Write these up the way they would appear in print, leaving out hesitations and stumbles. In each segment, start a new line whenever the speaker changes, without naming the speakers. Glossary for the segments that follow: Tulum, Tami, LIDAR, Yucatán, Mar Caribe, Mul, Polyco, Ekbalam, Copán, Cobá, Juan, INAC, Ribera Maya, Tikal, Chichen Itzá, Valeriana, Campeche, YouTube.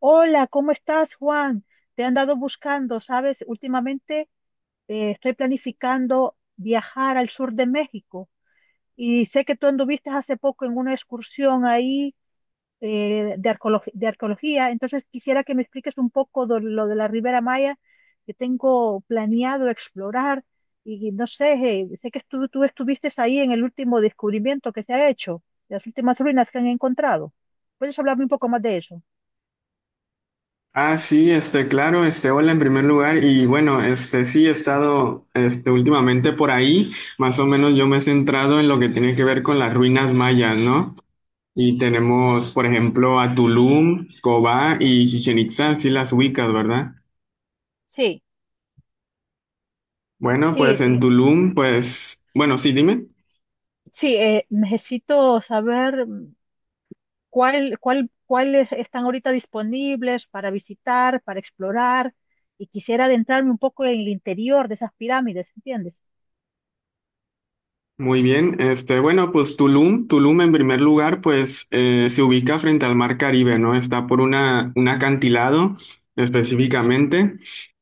Hola, ¿cómo estás, Juan? Te han dado buscando, ¿sabes? Últimamente estoy planificando viajar al sur de México y sé que tú anduviste hace poco en una excursión ahí, de arqueología. Entonces quisiera que me expliques un poco de lo de la Ribera Maya que tengo planeado explorar, y no sé, sé que tú estuviste ahí en el último descubrimiento que se ha hecho, las últimas ruinas que han encontrado. ¿Puedes hablarme un poco más de eso?
Ah, sí, claro, hola en primer lugar. Y bueno, sí he estado, últimamente por ahí. Más o menos yo me he centrado en lo que tiene que ver con las ruinas mayas, ¿no? Y tenemos, por ejemplo, a Tulum, Cobá y Chichen Itzá, sí las ubicas, ¿verdad?
Sí,
Bueno,
sí.
pues en Tulum, pues, bueno, sí, dime.
Sí, necesito saber, cuáles están ahorita disponibles para visitar, para explorar, y quisiera adentrarme un poco en el interior de esas pirámides, ¿entiendes?
Muy bien, bueno, pues Tulum, Tulum en primer lugar, pues se ubica frente al Mar Caribe, ¿no? Está por una, un acantilado específicamente.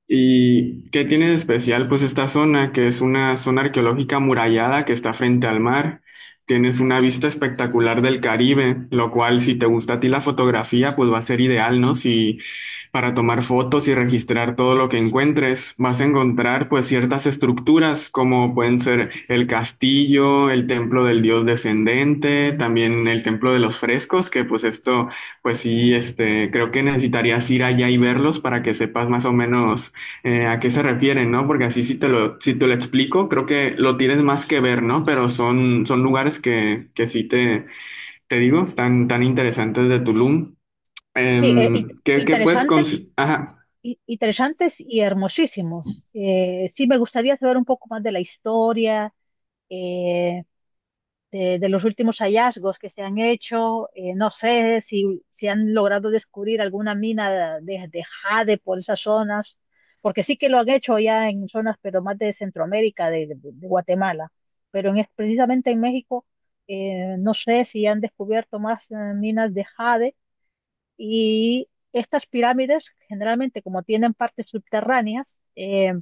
¿Y qué tiene de especial? Pues esta zona, que es una zona arqueológica amurallada que está frente al mar. Tienes una vista espectacular del Caribe, lo cual si te gusta a ti la fotografía, pues va a ser ideal, ¿no? Si, para tomar fotos y registrar todo lo que encuentres. Vas a encontrar pues ciertas estructuras como pueden ser el castillo, el templo del dios descendente, también el templo de los frescos, que pues esto, pues sí, creo que necesitarías ir allá y verlos para que sepas más o menos a qué se refieren, ¿no? Porque así si te lo explico, creo que lo tienes más que ver, ¿no? Pero son, son lugares que sí te digo, están tan interesantes de Tulum.
Sí, interesantes,
Ajá.
interesantes y hermosísimos. Sí, me gustaría saber un poco más de la historia, eh, de los últimos hallazgos que se han hecho. No sé si, si han logrado descubrir alguna mina de jade por esas zonas, porque sí que lo han hecho ya en zonas, pero más de Centroamérica, de Guatemala. Pero precisamente en México, no sé si han descubierto más minas de jade, y estas pirámides generalmente como tienen partes subterráneas.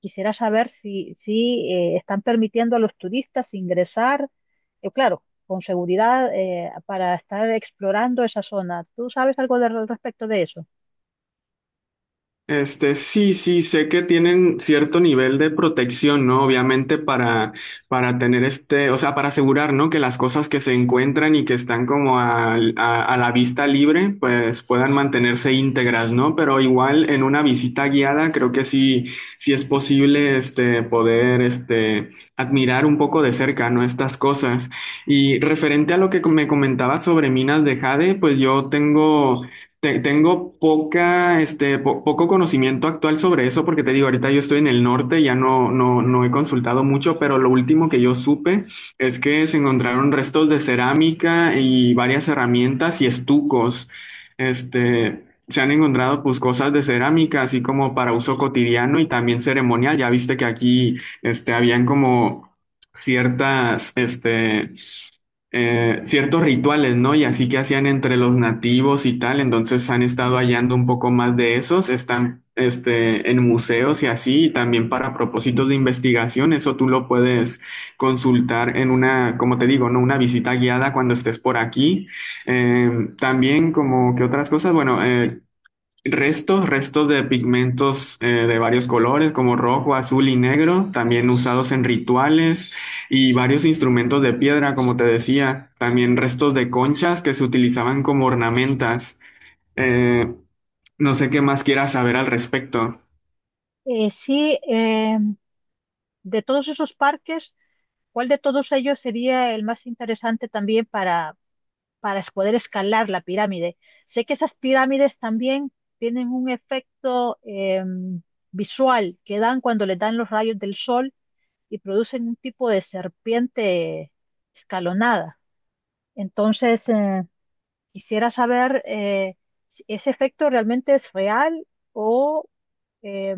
Quisiera saber si, si están permitiendo a los turistas ingresar, claro, con seguridad, para estar explorando esa zona. ¿Tú sabes algo de- al respecto de eso?
Sí, sí, sé que tienen cierto nivel de protección, ¿no? Obviamente para tener o sea, para asegurar, ¿no? Que las cosas que se encuentran y que están como a la vista libre, pues puedan mantenerse íntegras, ¿no? Pero igual en una visita guiada, creo que sí, sí es posible, poder, admirar un poco de cerca, ¿no? Estas cosas. Y referente a lo que me comentaba sobre minas de jade, pues tengo poca, poco conocimiento actual sobre eso, porque te digo, ahorita yo estoy en el norte, ya no, no he consultado mucho, pero lo último que yo supe es que se encontraron restos de cerámica y varias herramientas y estucos. Se han encontrado pues cosas de cerámica, así como para uso cotidiano y también ceremonial. Ya viste que aquí, habían como ciertas, ciertos rituales, ¿no? Y así que hacían entre los nativos y tal. Entonces han estado hallando un poco más de esos, están en museos y así, y también para propósitos de investigación. Eso tú lo puedes consultar en una, como te digo, ¿no? Una visita guiada cuando estés por aquí. Eh, también como que otras cosas, bueno, restos, restos de pigmentos de varios colores, como rojo, azul y negro, también usados en rituales, y varios instrumentos de piedra, como te decía. También restos de conchas que se utilizaban como ornamentas. Eh, no sé qué más quieras saber al respecto.
Sí, de todos esos parques, ¿cuál de todos ellos sería el más interesante también para, poder escalar la pirámide? Sé que esas pirámides también tienen un efecto, visual, que dan cuando le dan los rayos del sol y producen un tipo de serpiente escalonada. Entonces, quisiera saber si ese efecto realmente es real, o eh,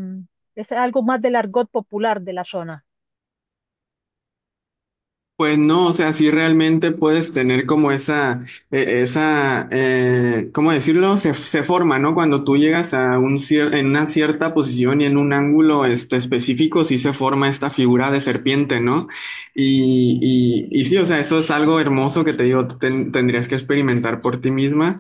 es algo más del argot popular de la zona.
Pues no, o sea, sí realmente puedes tener como esa, ¿cómo decirlo? Se forma, ¿no? Cuando tú llegas a en una cierta posición y en un ángulo específico, sí se forma esta figura de serpiente, ¿no? Y, y sí, o sea, eso es algo hermoso que te digo, tú tendrías que experimentar por ti misma.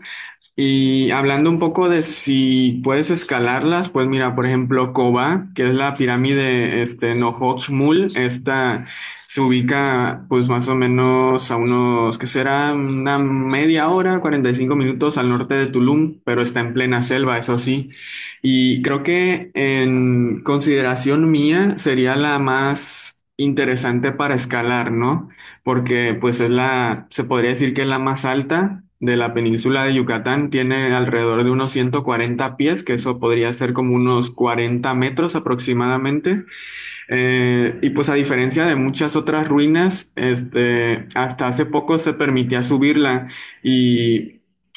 Y hablando un poco de si puedes escalarlas, pues mira, por ejemplo, Koba, que es la pirámide Mul, esta se ubica pues más o menos a unos, ¿qué será? Una media hora, 45 minutos al norte de Tulum, pero está en plena selva, eso sí. Y creo que en consideración mía sería la más interesante para escalar, ¿no? Porque pues es la, se podría decir que es la más alta de la península de Yucatán, tiene alrededor de unos 140 pies, que eso podría ser como unos 40 metros aproximadamente. Y pues a diferencia de muchas otras ruinas, hasta hace poco se permitía subirla, y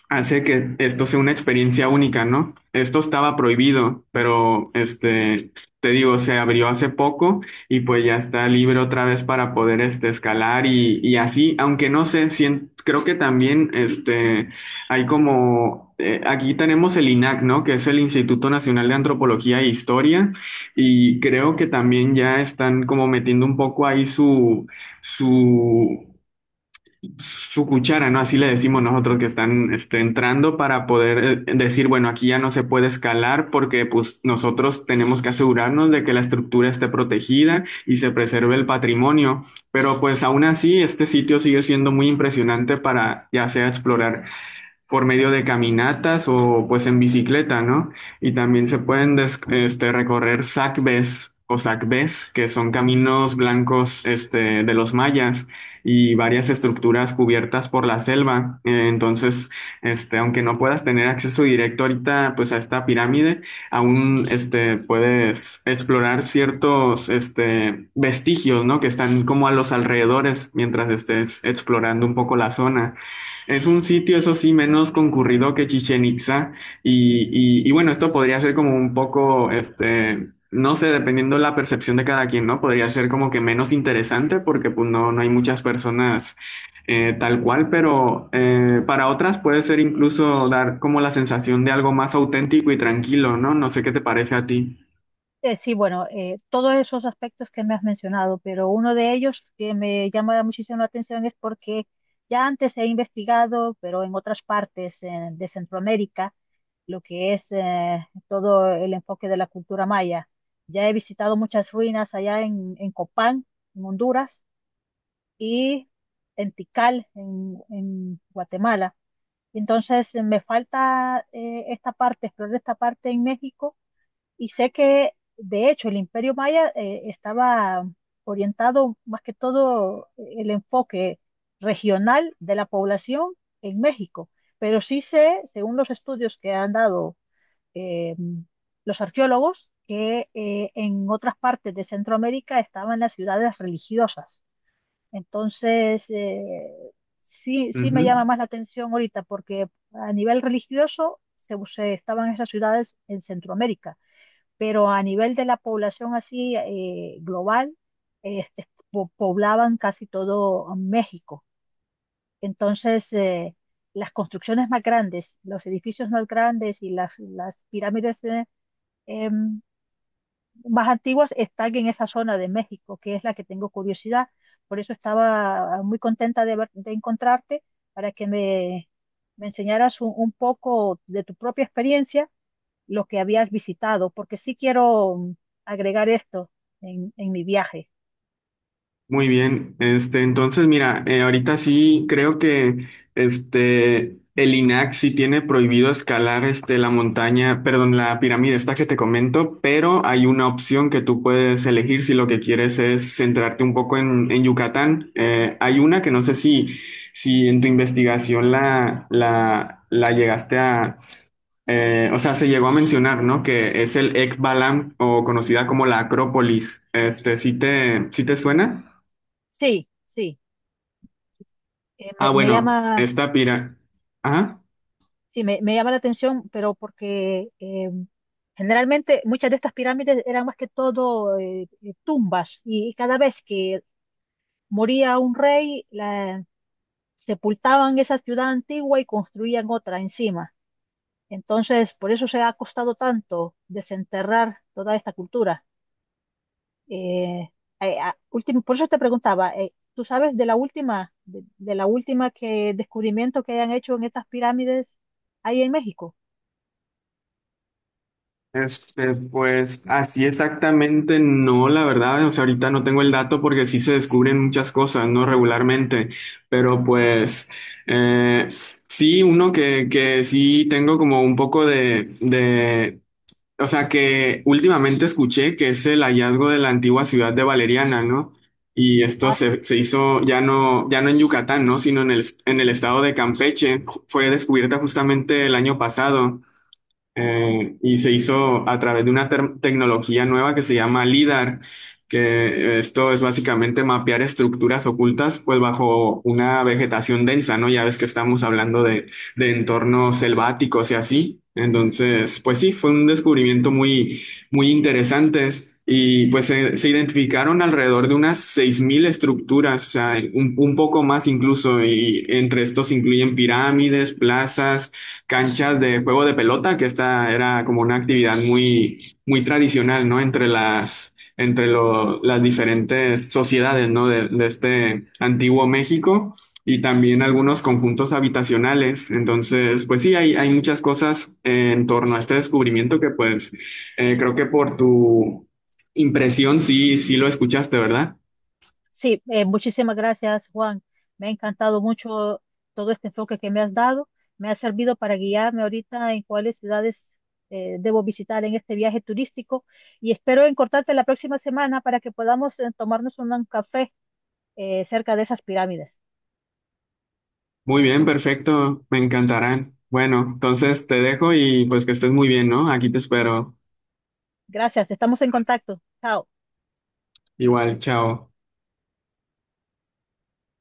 hace que esto sea una experiencia única, ¿no? Esto estaba prohibido, pero te digo, se abrió hace poco, y pues ya está libre otra vez para poder escalar y así, aunque no sé, creo que también hay como, aquí tenemos el INAC, ¿no? Que es el Instituto Nacional de Antropología e Historia. Y creo que también ya están como metiendo un poco ahí su, su cuchara, ¿no? Así le decimos nosotros. Que están entrando para poder decir, bueno, aquí ya no se puede escalar porque pues nosotros tenemos que asegurarnos de que la estructura esté protegida y se preserve el patrimonio. Pero pues aún así, este sitio sigue siendo muy impresionante para ya sea explorar por medio de caminatas o pues en bicicleta, ¿no? Y también se pueden recorrer sacbés o sacbés, que son caminos blancos de los mayas, y varias estructuras cubiertas por la selva. Entonces, aunque no puedas tener acceso directo ahorita pues a esta pirámide, aún puedes explorar ciertos vestigios, ¿no? Que están como a los alrededores mientras estés explorando un poco la zona. Es un sitio, eso sí, menos concurrido que Chichen Itza. Y, y bueno, esto podría ser como un poco, no sé, dependiendo la percepción de cada quien, ¿no? Podría ser como que menos interesante porque pues no, no hay muchas personas tal cual. Pero para otras puede ser incluso dar como la sensación de algo más auténtico y tranquilo, ¿no? No sé qué te parece a ti.
Sí, bueno, todos esos aspectos que me has mencionado, pero uno de ellos que me llama muchísimo la atención es porque ya antes he investigado, pero en otras partes, de Centroamérica, lo que es todo el enfoque de la cultura maya. Ya he visitado muchas ruinas allá en Copán, en Honduras, y en Tikal, en Guatemala. Entonces, me falta esta parte, explorar esta parte en México, y sé que, de hecho, el Imperio Maya estaba orientado más que todo el enfoque regional de la población en México. Pero sí sé, según los estudios que han dado, eh, los arqueólogos, que en otras partes de Centroamérica estaban las ciudades religiosas. Entonces, sí, sí me llama
Ujú.
más la atención ahorita porque a nivel religioso se estaban esas ciudades en Centroamérica, pero a nivel de la población así, global, poblaban casi todo México. Entonces, las construcciones más grandes, los edificios más grandes y las pirámides em, más antiguas están en esa zona de México, que es la que tengo curiosidad. Por eso estaba muy contenta de, de encontrarte para que me enseñaras un poco de tu propia experiencia, lo que habías visitado, porque sí quiero agregar esto en mi viaje.
Muy bien, entonces mira, ahorita sí creo que este el INAC sí tiene prohibido escalar este la montaña, perdón, la pirámide esta que te comento. Pero hay una opción que tú puedes elegir si lo que quieres es centrarte un poco en Yucatán. Hay una que no sé si, si en tu investigación la llegaste a o sea, se llegó a mencionar, ¿no? Que es el Ekbalam o conocida como la Acrópolis. Sí te suena?
Sí, sí,
Ah,
me
bueno,
llama,
esta pira. Ajá.
sí, me llama la atención, pero porque generalmente muchas de estas pirámides eran más que todo tumbas, y cada vez que moría un rey, la, sepultaban esa ciudad antigua y construían otra encima. Entonces, por eso se ha costado tanto desenterrar toda esta cultura. Eh, último, por eso te preguntaba, ¿tú sabes de la última, de la última que descubrimiento que hayan hecho en estas pirámides ahí en México?
Pues así exactamente no, la verdad, o sea, ahorita no tengo el dato porque sí se descubren muchas cosas, ¿no? Regularmente, pero pues eh, sí, uno que sí tengo como un poco de, o sea que últimamente escuché que es el hallazgo de la antigua ciudad de Valeriana, ¿no? Y esto
Ah, sí.
se, se hizo ya no, ya no en Yucatán, ¿no? Sino en el estado de Campeche. Fue descubierta justamente el año pasado. Y se hizo a través de una tecnología nueva que se llama LIDAR, que esto es básicamente mapear estructuras ocultas pues bajo una vegetación densa, ¿no? Ya ves que estamos hablando de entornos selváticos y así. Entonces, pues sí, fue un descubrimiento muy, muy interesante. Y pues se identificaron alrededor de unas 6.000 estructuras, o sea, un poco más incluso, y entre estos incluyen pirámides, plazas, canchas de juego de pelota, que esta era como una actividad muy, muy tradicional, ¿no? Entre las, las diferentes sociedades, ¿no? De este antiguo México, y también algunos conjuntos habitacionales. Entonces, pues sí, hay muchas cosas en torno a este descubrimiento que pues creo que por tu impresión sí, sí lo escuchaste, ¿verdad?
Sí, muchísimas gracias, Juan. Me ha encantado mucho todo este enfoque que me has dado. Me ha servido para guiarme ahorita en cuáles ciudades debo visitar en este viaje turístico, y espero encontrarte la próxima semana para que podamos, tomarnos un café cerca de esas pirámides.
Muy bien, perfecto, me encantarán. Bueno, entonces te dejo y pues que estés muy bien, ¿no? Aquí te espero.
Gracias, estamos en contacto. Chao.
Igual, chao.